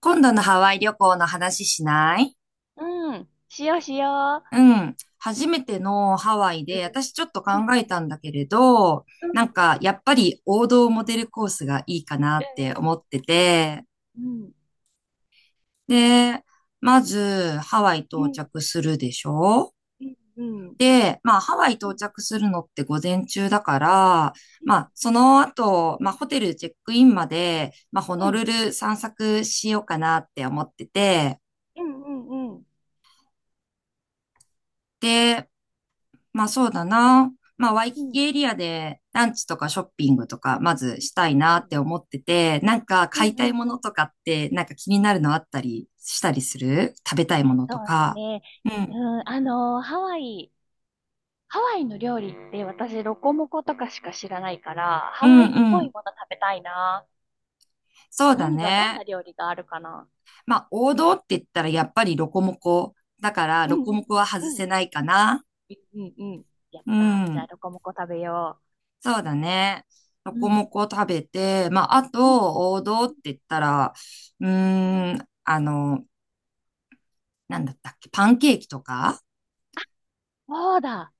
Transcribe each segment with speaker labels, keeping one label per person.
Speaker 1: 今度のハワイ旅行の話しない？
Speaker 2: うん。しようしよ
Speaker 1: うん。初めてのハワイ
Speaker 2: う。
Speaker 1: で、私ちょっと考
Speaker 2: う
Speaker 1: え
Speaker 2: ん。
Speaker 1: たんだけれど、
Speaker 2: うん。
Speaker 1: なんかやっぱり王道モデルコースがいいかな
Speaker 2: う
Speaker 1: って
Speaker 2: ん。
Speaker 1: 思ってて、
Speaker 2: うん。
Speaker 1: で、まずハワイ
Speaker 2: う
Speaker 1: 到
Speaker 2: ん。
Speaker 1: 着するでしょ？
Speaker 2: うん。うん。
Speaker 1: で、まあハワイ
Speaker 2: う
Speaker 1: 到
Speaker 2: ん。
Speaker 1: 着するのって午前中だから、まあその後、まあホテルチェックインまで、まあホ
Speaker 2: う
Speaker 1: ノル
Speaker 2: ん。
Speaker 1: ル散策しようかなって思ってて、
Speaker 2: うん。うん。うん。
Speaker 1: で、まあそうだな。まあワイ
Speaker 2: う
Speaker 1: キ
Speaker 2: ん。う
Speaker 1: キ
Speaker 2: ん。
Speaker 1: エリアでランチとかショッピングとかまずしたいなって思ってて、なんか
Speaker 2: う
Speaker 1: 買い
Speaker 2: ん。
Speaker 1: たいも
Speaker 2: う
Speaker 1: の
Speaker 2: ん。
Speaker 1: とかってなんか気になるのあったりしたりする？食べたいもの
Speaker 2: そ
Speaker 1: と
Speaker 2: うだ
Speaker 1: か？
Speaker 2: ね。
Speaker 1: うん。
Speaker 2: うん。ハワイの料理って私、ロコモコとかしか知らないから、
Speaker 1: う
Speaker 2: ハ
Speaker 1: ん
Speaker 2: ワイっ
Speaker 1: う
Speaker 2: ぽい
Speaker 1: ん。
Speaker 2: もの食べたいな。
Speaker 1: そうだ
Speaker 2: 何が、どん
Speaker 1: ね。
Speaker 2: な料理があるかな。
Speaker 1: まあ王道って言ったらやっぱりロコモコ。だから
Speaker 2: う
Speaker 1: ロ
Speaker 2: ん。
Speaker 1: コ
Speaker 2: うん。
Speaker 1: モコは外
Speaker 2: う
Speaker 1: せ
Speaker 2: ん。
Speaker 1: ないかな。
Speaker 2: うん。うん。やっ
Speaker 1: う
Speaker 2: た。じゃあ、
Speaker 1: ん。
Speaker 2: ロコモコ食べよ
Speaker 1: そうだね。ロ
Speaker 2: う。う
Speaker 1: コ
Speaker 2: ん。
Speaker 1: モコ食べて、まああ
Speaker 2: うん。
Speaker 1: と王道って言ったら、あの、なんだったっけ、パンケーキとか？
Speaker 2: そうだ。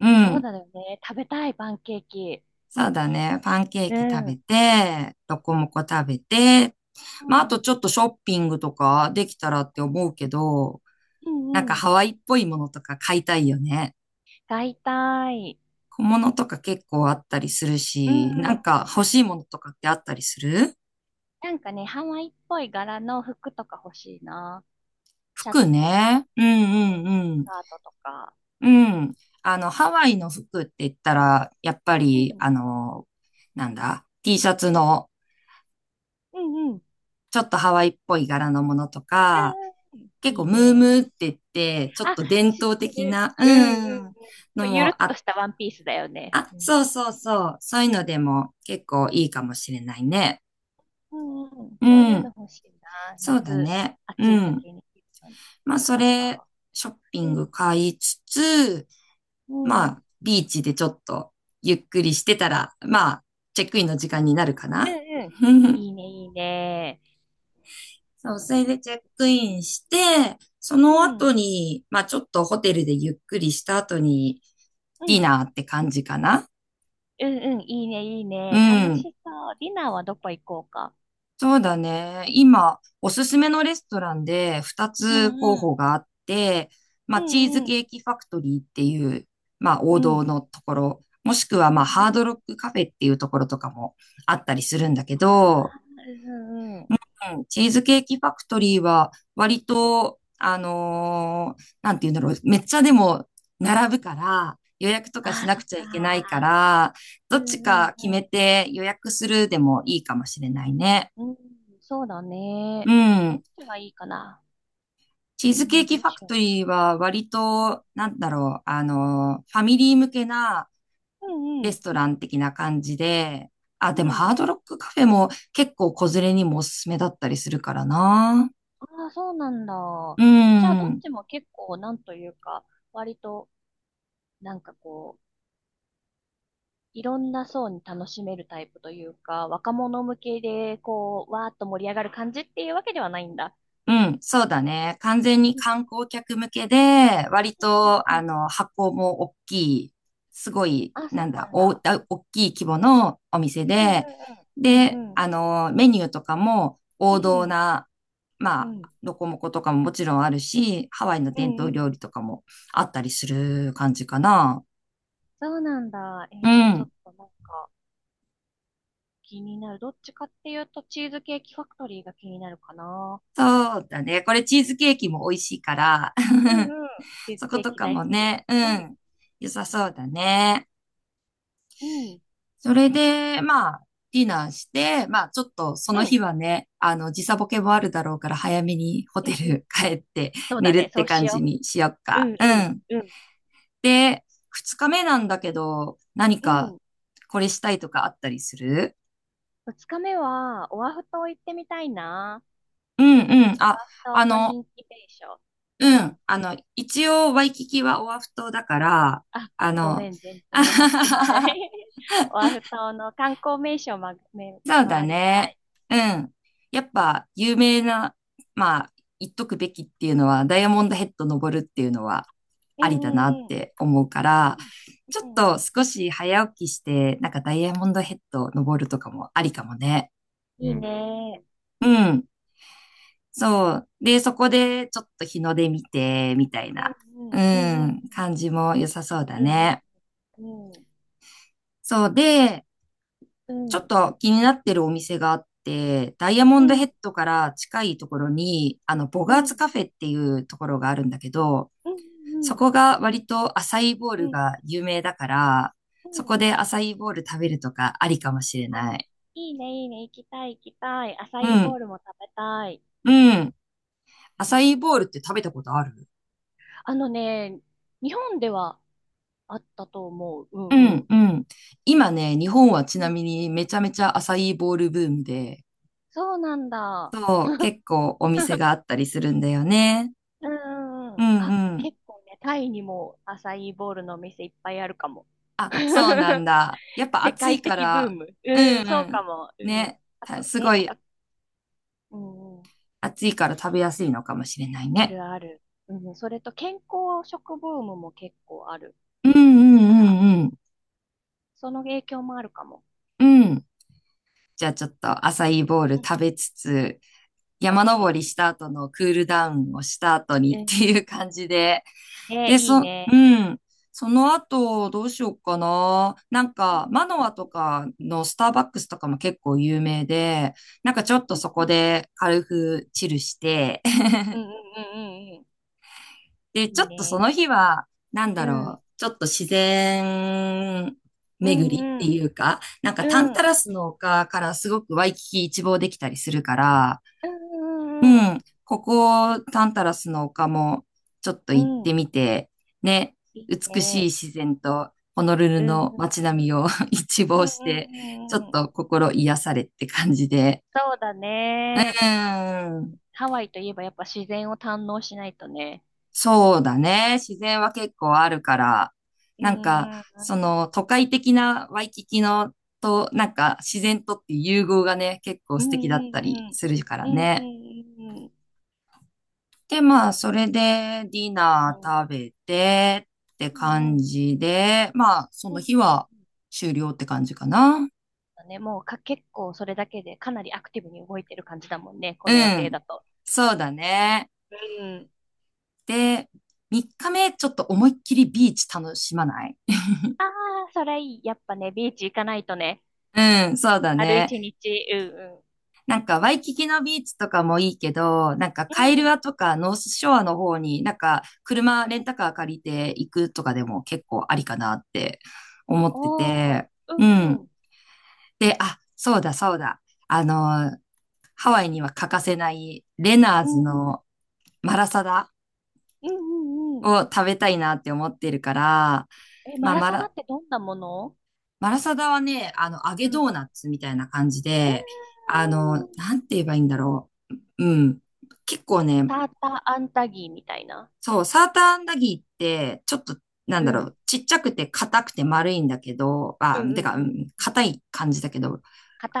Speaker 1: う
Speaker 2: そう
Speaker 1: ん。
Speaker 2: だよね。食べたい、パンケーキ。
Speaker 1: そうだね。パンケー
Speaker 2: う
Speaker 1: キ食
Speaker 2: ん。
Speaker 1: べ
Speaker 2: う
Speaker 1: て、ロコモコ食べて、まあ、あ
Speaker 2: ん。
Speaker 1: と
Speaker 2: う
Speaker 1: ちょっとショッピングとかできたらって思うけど、
Speaker 2: ん
Speaker 1: なん
Speaker 2: う
Speaker 1: か
Speaker 2: ん。
Speaker 1: ハワイっぽいものとか買いたいよね。
Speaker 2: 買いたい。
Speaker 1: 小物とか結構あったりする
Speaker 2: う
Speaker 1: し、
Speaker 2: んう
Speaker 1: な
Speaker 2: ん。
Speaker 1: んか欲しいものとかってあったりする？
Speaker 2: なんかね、ハワイっぽい柄の服とか欲しいな。シャ
Speaker 1: 服
Speaker 2: ツとか、
Speaker 1: ね。うんう
Speaker 2: うん
Speaker 1: んう
Speaker 2: ス
Speaker 1: ん。
Speaker 2: カートとか。
Speaker 1: うん。あの、ハワイの服って言ったら、やっぱ
Speaker 2: う
Speaker 1: り、
Speaker 2: ん。
Speaker 1: あの、なんだ、T シャツの
Speaker 2: うんうん。うん
Speaker 1: ちょっとハワイっぽい柄のものとか、
Speaker 2: うん。
Speaker 1: 結
Speaker 2: い
Speaker 1: 構
Speaker 2: い
Speaker 1: ムーム
Speaker 2: ね。
Speaker 1: ーって言って、ちょっ
Speaker 2: あ、
Speaker 1: と伝
Speaker 2: 知っ
Speaker 1: 統
Speaker 2: て
Speaker 1: 的
Speaker 2: る。
Speaker 1: な、う
Speaker 2: うんうんうん。こ
Speaker 1: ん、の
Speaker 2: うゆる
Speaker 1: も
Speaker 2: っと
Speaker 1: あ、
Speaker 2: したワンピースだよね。
Speaker 1: あ、
Speaker 2: うん。
Speaker 1: そうそうそう、そういうのでも結構いいかもしれないね。
Speaker 2: うんうん。
Speaker 1: う
Speaker 2: そういう
Speaker 1: ん、
Speaker 2: の欲しいな。
Speaker 1: そうだ
Speaker 2: 夏、
Speaker 1: ね。
Speaker 2: 暑
Speaker 1: う
Speaker 2: い
Speaker 1: ん。
Speaker 2: 時に着るのに
Speaker 1: まあ、
Speaker 2: 良
Speaker 1: そ
Speaker 2: さ
Speaker 1: れ、
Speaker 2: そ
Speaker 1: ショッピ
Speaker 2: う。う
Speaker 1: ング
Speaker 2: ん。
Speaker 1: 買いつつ、
Speaker 2: う
Speaker 1: ま
Speaker 2: ん。
Speaker 1: あ、ビーチでちょっとゆっくりしてたら、まあ、チェックインの時間になるか
Speaker 2: うん
Speaker 1: な。
Speaker 2: うん。いいね、いいね。
Speaker 1: そう、それでチェックインして、そ
Speaker 2: う
Speaker 1: の
Speaker 2: ん、
Speaker 1: 後に、まあちょっとホテルでゆっくりした後に、
Speaker 2: う
Speaker 1: ディ
Speaker 2: ん、
Speaker 1: ナーって感じかな？
Speaker 2: うんうん、いいね、いい
Speaker 1: う
Speaker 2: ね。楽
Speaker 1: ん。
Speaker 2: しそう。ディナーはどこ行こうか。
Speaker 1: そうだね。今、おすすめのレストランで2
Speaker 2: うん、
Speaker 1: つ候
Speaker 2: うん、
Speaker 1: 補があって、ま
Speaker 2: う
Speaker 1: あ、チーズ
Speaker 2: ん、うん、
Speaker 1: ケーキファクトリーっていう、まあ、王
Speaker 2: うん、
Speaker 1: 道のところ、もしくは、まあ、
Speaker 2: うんう
Speaker 1: ハー
Speaker 2: ん。
Speaker 1: ドロックカフェっていうところとかもあったりするんだけ
Speaker 2: あ
Speaker 1: ど、
Speaker 2: あ、うんうん。
Speaker 1: うん、チーズケーキファクトリーは割と、なんて言うんだろう、めっちゃでも並ぶから、予約とか
Speaker 2: あ
Speaker 1: し
Speaker 2: あ、
Speaker 1: な
Speaker 2: そ
Speaker 1: く
Speaker 2: っ
Speaker 1: ちゃいけないか
Speaker 2: か。
Speaker 1: ら、ど
Speaker 2: うん
Speaker 1: っち
Speaker 2: うん
Speaker 1: か決
Speaker 2: う
Speaker 1: め
Speaker 2: ん。
Speaker 1: て予約するでもいいかもしれないね。
Speaker 2: うん、そうだ
Speaker 1: う
Speaker 2: ね。ど
Speaker 1: ん。
Speaker 2: っちがいいかな。
Speaker 1: チ
Speaker 2: う
Speaker 1: ーズケー
Speaker 2: ん、
Speaker 1: キ
Speaker 2: ど
Speaker 1: フ
Speaker 2: う
Speaker 1: ァ
Speaker 2: し
Speaker 1: クト
Speaker 2: よ
Speaker 1: リーは割
Speaker 2: う。
Speaker 1: と、なんだろう、あのファミリー向けな
Speaker 2: うん、
Speaker 1: レ
Speaker 2: うん、
Speaker 1: ストラン的な感じで、あ、
Speaker 2: う
Speaker 1: でも
Speaker 2: ん。
Speaker 1: ハードロックカフェも結構子連れにもおすすめだったりするからな。
Speaker 2: ああ、そうなんだ。
Speaker 1: う
Speaker 2: じゃあ、どっ
Speaker 1: ん。
Speaker 2: ちも結構、なんというか、割と、なんかこう、いろんな層に楽しめるタイプというか、若者向けで、こう、わーっと盛り上がる感じっていうわけではないんだ。
Speaker 1: うん、そうだね。完全に
Speaker 2: うん
Speaker 1: 観光客向けで、割
Speaker 2: う
Speaker 1: と、
Speaker 2: ん
Speaker 1: あ
Speaker 2: うん、
Speaker 1: の、箱も大きい、すごい、
Speaker 2: あ、そ
Speaker 1: な
Speaker 2: う
Speaker 1: ん
Speaker 2: な
Speaker 1: だ、
Speaker 2: んだ。
Speaker 1: 大きい規模のお店
Speaker 2: うん
Speaker 1: で、
Speaker 2: うんう
Speaker 1: で、
Speaker 2: んうん
Speaker 1: あの、メニューとかも
Speaker 2: う
Speaker 1: 王道
Speaker 2: ん
Speaker 1: な、ま
Speaker 2: う
Speaker 1: あ、
Speaker 2: ん
Speaker 1: ロコモコとかももちろんあるし、ハワイの
Speaker 2: う
Speaker 1: 伝
Speaker 2: ん
Speaker 1: 統
Speaker 2: う
Speaker 1: 料
Speaker 2: ん、
Speaker 1: 理とかもあったりする感じかな。
Speaker 2: そうなんだ。え
Speaker 1: う
Speaker 2: ーじゃあちょっ
Speaker 1: ん、
Speaker 2: となんか気になる。どっちかっていうとチーズケーキファクトリーが気になるかな。
Speaker 1: そうだね。これチーズケーキも美味しいから、
Speaker 2: うん うん。チーズ
Speaker 1: そこ
Speaker 2: ケー
Speaker 1: と
Speaker 2: キ
Speaker 1: か
Speaker 2: 大
Speaker 1: も
Speaker 2: 好き。
Speaker 1: ね、う
Speaker 2: うん
Speaker 1: ん、良さそうだね。
Speaker 2: うん
Speaker 1: それで、まあ、ディナーして、まあ、ちょっとそ
Speaker 2: う
Speaker 1: の
Speaker 2: ん
Speaker 1: 日はね、あの、時差ボケも
Speaker 2: う
Speaker 1: あ
Speaker 2: ん
Speaker 1: るだろうから、早めにホ
Speaker 2: う
Speaker 1: テ
Speaker 2: んうん。
Speaker 1: ル帰って
Speaker 2: そう
Speaker 1: 寝
Speaker 2: だ
Speaker 1: るっ
Speaker 2: ね。そ
Speaker 1: て
Speaker 2: うし
Speaker 1: 感じ
Speaker 2: よ
Speaker 1: にしよっ
Speaker 2: う。う
Speaker 1: か。
Speaker 2: ん
Speaker 1: う
Speaker 2: う
Speaker 1: ん。
Speaker 2: んうん
Speaker 1: で、二日目なんだけど、何
Speaker 2: う
Speaker 1: か
Speaker 2: ん。
Speaker 1: これしたいとかあったりする？
Speaker 2: 二日目は、オアフ島行ってみたいな。
Speaker 1: うんうん。あ、
Speaker 2: オア
Speaker 1: あ
Speaker 2: フ島の
Speaker 1: の、
Speaker 2: 人気名所。う
Speaker 1: う
Speaker 2: ん。
Speaker 1: ん。あの、一応、ワイキキはオアフ島だから、
Speaker 2: あ、
Speaker 1: あ
Speaker 2: ご
Speaker 1: の、
Speaker 2: めん、全然分かってな い オアフ島の観光名所を
Speaker 1: そうだ
Speaker 2: 回りた
Speaker 1: ね。
Speaker 2: い。
Speaker 1: うん。やっぱ有名な、まあ、言っとくべきっていうのは、ダイヤモンドヘッド登るっていうのは
Speaker 2: うん
Speaker 1: ありだな
Speaker 2: う
Speaker 1: っ
Speaker 2: んうん。
Speaker 1: て思うから、ちょっ
Speaker 2: うん。う
Speaker 1: と少し早起きして、なんかダイヤモンドヘッド登るとかもありかもね。
Speaker 2: いいん。ね。
Speaker 1: うん。そう。で、そこでちょっと日の出見て、みたいな、
Speaker 2: うん
Speaker 1: う
Speaker 2: うんうん
Speaker 1: ん、感じも良さそうだ
Speaker 2: うん
Speaker 1: ね。
Speaker 2: うん
Speaker 1: そうで、
Speaker 2: う
Speaker 1: ちょっ
Speaker 2: ん
Speaker 1: と気になってるお店があって、ダイヤモ
Speaker 2: う
Speaker 1: ンド
Speaker 2: んう
Speaker 1: ヘッ
Speaker 2: ん
Speaker 1: ドから近いところに、あの、ボ
Speaker 2: う
Speaker 1: ガー
Speaker 2: んう
Speaker 1: ツ
Speaker 2: ん
Speaker 1: カフェっていうところがあるんだけど、
Speaker 2: う
Speaker 1: そ
Speaker 2: ん
Speaker 1: こが割とアサイーボウ
Speaker 2: う
Speaker 1: ル
Speaker 2: ん
Speaker 1: が有名だから、
Speaker 2: う
Speaker 1: そこ
Speaker 2: ん、
Speaker 1: でアサイーボウル食べるとかありかもしれ
Speaker 2: あ、
Speaker 1: ない。
Speaker 2: いいねいいね。行きたい行きたい。アサ
Speaker 1: う
Speaker 2: イーボ
Speaker 1: ん、
Speaker 2: ウルも食べたい。
Speaker 1: うん。アサイーボウルって食べたことある？
Speaker 2: あのね、日本ではあったと思う。う
Speaker 1: う
Speaker 2: んう
Speaker 1: ん、
Speaker 2: ん。
Speaker 1: うん。今ね、日本はち
Speaker 2: う
Speaker 1: な
Speaker 2: ん
Speaker 1: みにめちゃめちゃアサイーボウルブームで、
Speaker 2: そうなんだ。
Speaker 1: そう、結構お店があったりするんだよね。
Speaker 2: うんうんう
Speaker 1: うん、
Speaker 2: ん。あ、
Speaker 1: うん。
Speaker 2: 結構ね、タイにもアサイーボウルのお店いっぱいあるかも。
Speaker 1: あ、そうなん だ。やっぱ
Speaker 2: 世
Speaker 1: 暑
Speaker 2: 界
Speaker 1: いか
Speaker 2: 的ブー
Speaker 1: ら、
Speaker 2: ム。
Speaker 1: う
Speaker 2: うん、
Speaker 1: ん
Speaker 2: そう
Speaker 1: う
Speaker 2: か
Speaker 1: ん。
Speaker 2: も。うん。
Speaker 1: ね。
Speaker 2: あと
Speaker 1: すご
Speaker 2: ね、あ
Speaker 1: い
Speaker 2: と、うんうん、
Speaker 1: 暑いから食べやすいのかもしれない
Speaker 2: あ
Speaker 1: ね。
Speaker 2: るある。うん、それと健康食ブームも結構ある
Speaker 1: うんう
Speaker 2: から、
Speaker 1: んうん
Speaker 2: その影響もあるかも。
Speaker 1: うん。うん。じゃあちょっとアサイーボウル
Speaker 2: うんう
Speaker 1: 食
Speaker 2: ん。
Speaker 1: べつつ、
Speaker 2: オッ
Speaker 1: 山
Speaker 2: ケ
Speaker 1: 登
Speaker 2: ー。
Speaker 1: りした後のクールダウンをした後
Speaker 2: う
Speaker 1: にって
Speaker 2: ん。
Speaker 1: いう感じで。
Speaker 2: ね、
Speaker 1: で、
Speaker 2: いい
Speaker 1: う
Speaker 2: ね。
Speaker 1: ん。その後、どうしようかな。なん
Speaker 2: うん
Speaker 1: か、マノアとかのスターバックスとかも結構有名で、なんかちょっと
Speaker 2: う
Speaker 1: そこ
Speaker 2: ん
Speaker 1: で軽くチルして、
Speaker 2: うんうんうんうんうん。
Speaker 1: で、
Speaker 2: い
Speaker 1: ちょ
Speaker 2: い
Speaker 1: っとその
Speaker 2: ね。
Speaker 1: 日は、なん
Speaker 2: う
Speaker 1: だ
Speaker 2: ん。
Speaker 1: ろう、ちょっと自然
Speaker 2: う
Speaker 1: 巡
Speaker 2: ん
Speaker 1: りっ
Speaker 2: う
Speaker 1: て
Speaker 2: ん。
Speaker 1: いうか、なんかタ
Speaker 2: う
Speaker 1: ンタ
Speaker 2: ん。
Speaker 1: ラスの丘からすごくワイキキ一望できたりするから、
Speaker 2: う
Speaker 1: う
Speaker 2: んうん
Speaker 1: ん、ここタンタラスの丘もちょっと
Speaker 2: う
Speaker 1: 行っ
Speaker 2: ん。う
Speaker 1: て
Speaker 2: ん。
Speaker 1: みて、ね、
Speaker 2: いい
Speaker 1: 美しい
Speaker 2: ね。
Speaker 1: 自然とホノルル
Speaker 2: うん
Speaker 1: の
Speaker 2: うん
Speaker 1: 街並
Speaker 2: う
Speaker 1: み
Speaker 2: ん。
Speaker 1: を 一
Speaker 2: う
Speaker 1: 望
Speaker 2: ん
Speaker 1: し
Speaker 2: う
Speaker 1: て、ちょ
Speaker 2: んう
Speaker 1: っ
Speaker 2: んうん。
Speaker 1: と心癒されって感じで。
Speaker 2: そうだ
Speaker 1: う
Speaker 2: ね。
Speaker 1: ん。
Speaker 2: ハワイといえばやっぱ自然を堪能しないとね。
Speaker 1: そうだね。自然は結構あるから、
Speaker 2: うん
Speaker 1: なん
Speaker 2: う
Speaker 1: か、
Speaker 2: ん
Speaker 1: そ
Speaker 2: うん。
Speaker 1: の都会的なワイキキのと、なんか自然とっていう融合がね、結構
Speaker 2: う
Speaker 1: 素
Speaker 2: ん
Speaker 1: 敵だっ
Speaker 2: う
Speaker 1: たり
Speaker 2: んうん。
Speaker 1: するから
Speaker 2: うんう
Speaker 1: ね。
Speaker 2: んうん。
Speaker 1: で、まあ、それでディ
Speaker 2: う
Speaker 1: ナ
Speaker 2: ん
Speaker 1: ー食べてって
Speaker 2: うんう
Speaker 1: 感
Speaker 2: ん。
Speaker 1: じで、まあ、そ
Speaker 2: うん
Speaker 1: の
Speaker 2: うん
Speaker 1: 日は
Speaker 2: うん、
Speaker 1: 終了って感じかな。
Speaker 2: だね、もうか、結構それだけでかなりアクティブに動いてる感じだもんね。こ
Speaker 1: う
Speaker 2: の予定
Speaker 1: ん。
Speaker 2: だと。
Speaker 1: そうだね。
Speaker 2: うん。
Speaker 1: で、3日目ちょっと思いっきりビーチ楽しまない？
Speaker 2: ああ、それいい。やっぱね、ビーチ行かないとね。
Speaker 1: うん、そうだ
Speaker 2: ある
Speaker 1: ね。
Speaker 2: 一日。う
Speaker 1: なんか、ワイキキのビーチとかもいいけど、なんか、カ
Speaker 2: ん
Speaker 1: イ
Speaker 2: う
Speaker 1: ル
Speaker 2: ん。う
Speaker 1: ア
Speaker 2: ん。
Speaker 1: とかノースショアの方に、なんか、車、レンタカー借りて行くとかでも結構ありかなって思って
Speaker 2: おー。
Speaker 1: て、
Speaker 2: う
Speaker 1: う
Speaker 2: ん
Speaker 1: ん。
Speaker 2: うん。
Speaker 1: で、あ、そうだ、そうだ。あの、ハワイには欠かせない、レナー
Speaker 2: う
Speaker 1: ズ
Speaker 2: ん、うん、
Speaker 1: のマラサダ
Speaker 2: うん、うん。
Speaker 1: を食べたいなって思ってるから、
Speaker 2: え、
Speaker 1: ま
Speaker 2: マ
Speaker 1: あ、
Speaker 2: ラサダってどんなもの。
Speaker 1: マラサダはね、あの、揚げ
Speaker 2: うん。う
Speaker 1: ドーナツみたいな感じで、あの、
Speaker 2: ん。
Speaker 1: なんて言えばいいんだろう。うん。結構ね、
Speaker 2: ターターアンタギーみたいな。
Speaker 1: そう、サーターアンダギーって、ちょっと、なん
Speaker 2: う
Speaker 1: だろ
Speaker 2: ん。
Speaker 1: う、ちっちゃくて硬くて丸いんだけど、
Speaker 2: うん、
Speaker 1: あ、
Speaker 2: う
Speaker 1: て
Speaker 2: ん、
Speaker 1: か、う
Speaker 2: うん。
Speaker 1: ん、硬い感じだけど、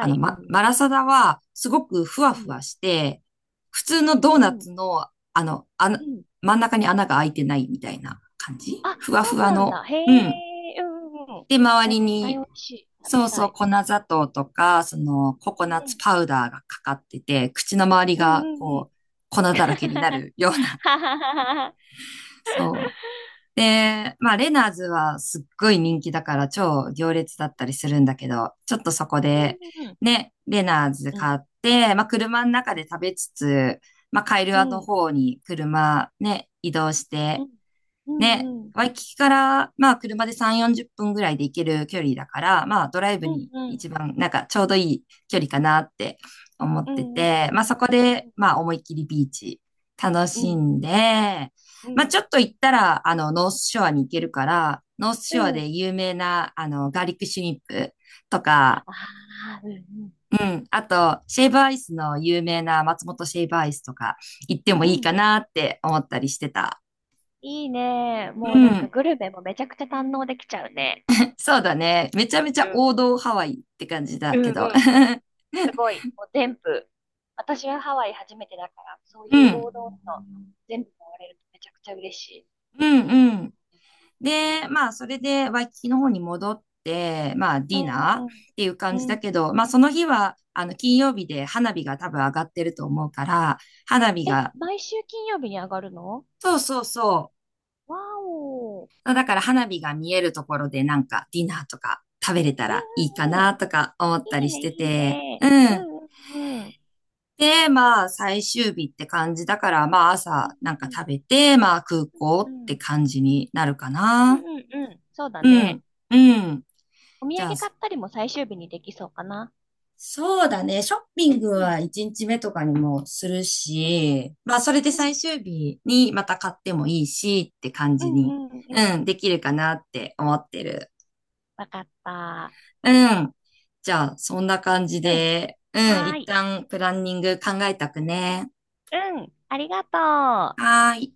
Speaker 1: あの、
Speaker 2: い。う
Speaker 1: マ
Speaker 2: ん。
Speaker 1: ラサダは、すごくふ
Speaker 2: う
Speaker 1: わふ
Speaker 2: ん。
Speaker 1: わして、普通の
Speaker 2: う
Speaker 1: ドーナ
Speaker 2: ん、うん。
Speaker 1: ツの、あの、真ん中に穴が開いてないみたいな感じ
Speaker 2: あ、
Speaker 1: ふわ
Speaker 2: そ
Speaker 1: ふ
Speaker 2: う
Speaker 1: わ
Speaker 2: なん
Speaker 1: の。
Speaker 2: だ。へ
Speaker 1: うん。
Speaker 2: え、うん、う
Speaker 1: で、周
Speaker 2: ん。
Speaker 1: り
Speaker 2: 絶対お
Speaker 1: に、
Speaker 2: いしい。食
Speaker 1: そ
Speaker 2: べ
Speaker 1: う
Speaker 2: た
Speaker 1: そう、
Speaker 2: い。
Speaker 1: 粉砂糖とか、その、ココナッツパウダーがかかってて、口の周りが、こう、粉だらけになるような、そう、で、まあ、レナーズはすっごい人気だから超行列だったりするんだけど、ちょっとそこで、
Speaker 2: うん、
Speaker 1: ね、レナーズ
Speaker 2: うん。
Speaker 1: 買って、まあ、車の中で食べつつ、まあ、カイルアの
Speaker 2: う
Speaker 1: 方に車ね、移動して、
Speaker 2: ん、う
Speaker 1: ね、
Speaker 2: ん、うん。
Speaker 1: ワイキキから、まあ、車で3、40分ぐらいで行ける距離だから、まあ、ドライブ
Speaker 2: うん、
Speaker 1: に
Speaker 2: うん。
Speaker 1: 一番、なんか、ちょうどいい距離かなって思っ
Speaker 2: う
Speaker 1: て
Speaker 2: ん、うん。
Speaker 1: て、まあ、そこ
Speaker 2: う
Speaker 1: で、
Speaker 2: ん、
Speaker 1: まあ、思いっきりビーチ楽
Speaker 2: うん。う
Speaker 1: し
Speaker 2: ん、うん。
Speaker 1: んで、
Speaker 2: う
Speaker 1: まあ、ちょ
Speaker 2: ん、
Speaker 1: っと行ったら、あの、ノースショアに行けるから、ノース
Speaker 2: う
Speaker 1: ショア
Speaker 2: ん。
Speaker 1: で有名な、あの、ガーリックシュリンプとか、
Speaker 2: ああ、うん
Speaker 1: うん、あと、シェイブアイスの有名な松本シェイブアイスとか行っても
Speaker 2: うん。
Speaker 1: い
Speaker 2: う
Speaker 1: い
Speaker 2: ん。
Speaker 1: かなって思ったりしてた。
Speaker 2: いいね。
Speaker 1: う
Speaker 2: もうなんか
Speaker 1: ん。
Speaker 2: グルメもめちゃくちゃ堪能できちゃうね。
Speaker 1: そうだね。めちゃめち
Speaker 2: う
Speaker 1: ゃ
Speaker 2: ん。
Speaker 1: 王道ハワイって感じ
Speaker 2: う
Speaker 1: だ
Speaker 2: ん
Speaker 1: け
Speaker 2: うん
Speaker 1: ど。
Speaker 2: うん。すごい。もう全部。私はハワイ初めてだから、そう
Speaker 1: う
Speaker 2: いう
Speaker 1: ん。
Speaker 2: 王道の全部回れるとめちゃくちゃ嬉しい。
Speaker 1: うんうん。で、まあ、それでワイキキの方に戻って、まあ、デ
Speaker 2: う
Speaker 1: ィナーっ
Speaker 2: ん
Speaker 1: ていう
Speaker 2: う
Speaker 1: 感じ
Speaker 2: ん。う
Speaker 1: だ
Speaker 2: ん。
Speaker 1: けど、まあ、その日は、あの、金曜日で花火が多分上がってると思うから、花火
Speaker 2: え、
Speaker 1: が、
Speaker 2: 毎週金曜日に上がるの。
Speaker 1: そうそうそ
Speaker 2: わお。うん
Speaker 1: う。だから花火が見えるところでなんかディナーとか食べれたらいいか
Speaker 2: うんうん。
Speaker 1: なとか思った
Speaker 2: いい
Speaker 1: りし
Speaker 2: ね、
Speaker 1: て
Speaker 2: いい
Speaker 1: て、
Speaker 2: ね。
Speaker 1: う
Speaker 2: う
Speaker 1: ん。
Speaker 2: んうんうん。
Speaker 1: で、まあ、最終日って感じだから、まあ、朝なん
Speaker 2: う
Speaker 1: か
Speaker 2: ん
Speaker 1: 食べて、まあ、空港
Speaker 2: う
Speaker 1: っ
Speaker 2: んう
Speaker 1: て
Speaker 2: ん。
Speaker 1: 感じになるか
Speaker 2: うん
Speaker 1: な。
Speaker 2: うんうん。そうだ
Speaker 1: う
Speaker 2: ね。
Speaker 1: ん、うん。
Speaker 2: お土
Speaker 1: じゃあ、
Speaker 2: 産買ったりも最終日にできそうかな。
Speaker 1: そうだね。ショッピ
Speaker 2: う
Speaker 1: ング
Speaker 2: んうん
Speaker 1: は1日目とかにもするし、まあ、それで
Speaker 2: うんう
Speaker 1: 最
Speaker 2: ん
Speaker 1: 終日にまた買ってもいいしって感
Speaker 2: う
Speaker 1: じに、
Speaker 2: んうんう
Speaker 1: う
Speaker 2: ん。
Speaker 1: ん、できるかなって思ってる。
Speaker 2: わかった。
Speaker 1: うん。じゃあ、そんな感じ
Speaker 2: うん。
Speaker 1: で、うん、
Speaker 2: はー
Speaker 1: 一
Speaker 2: い。
Speaker 1: 旦プランニング考えたくね？
Speaker 2: うん。ありがとう。
Speaker 1: はーい。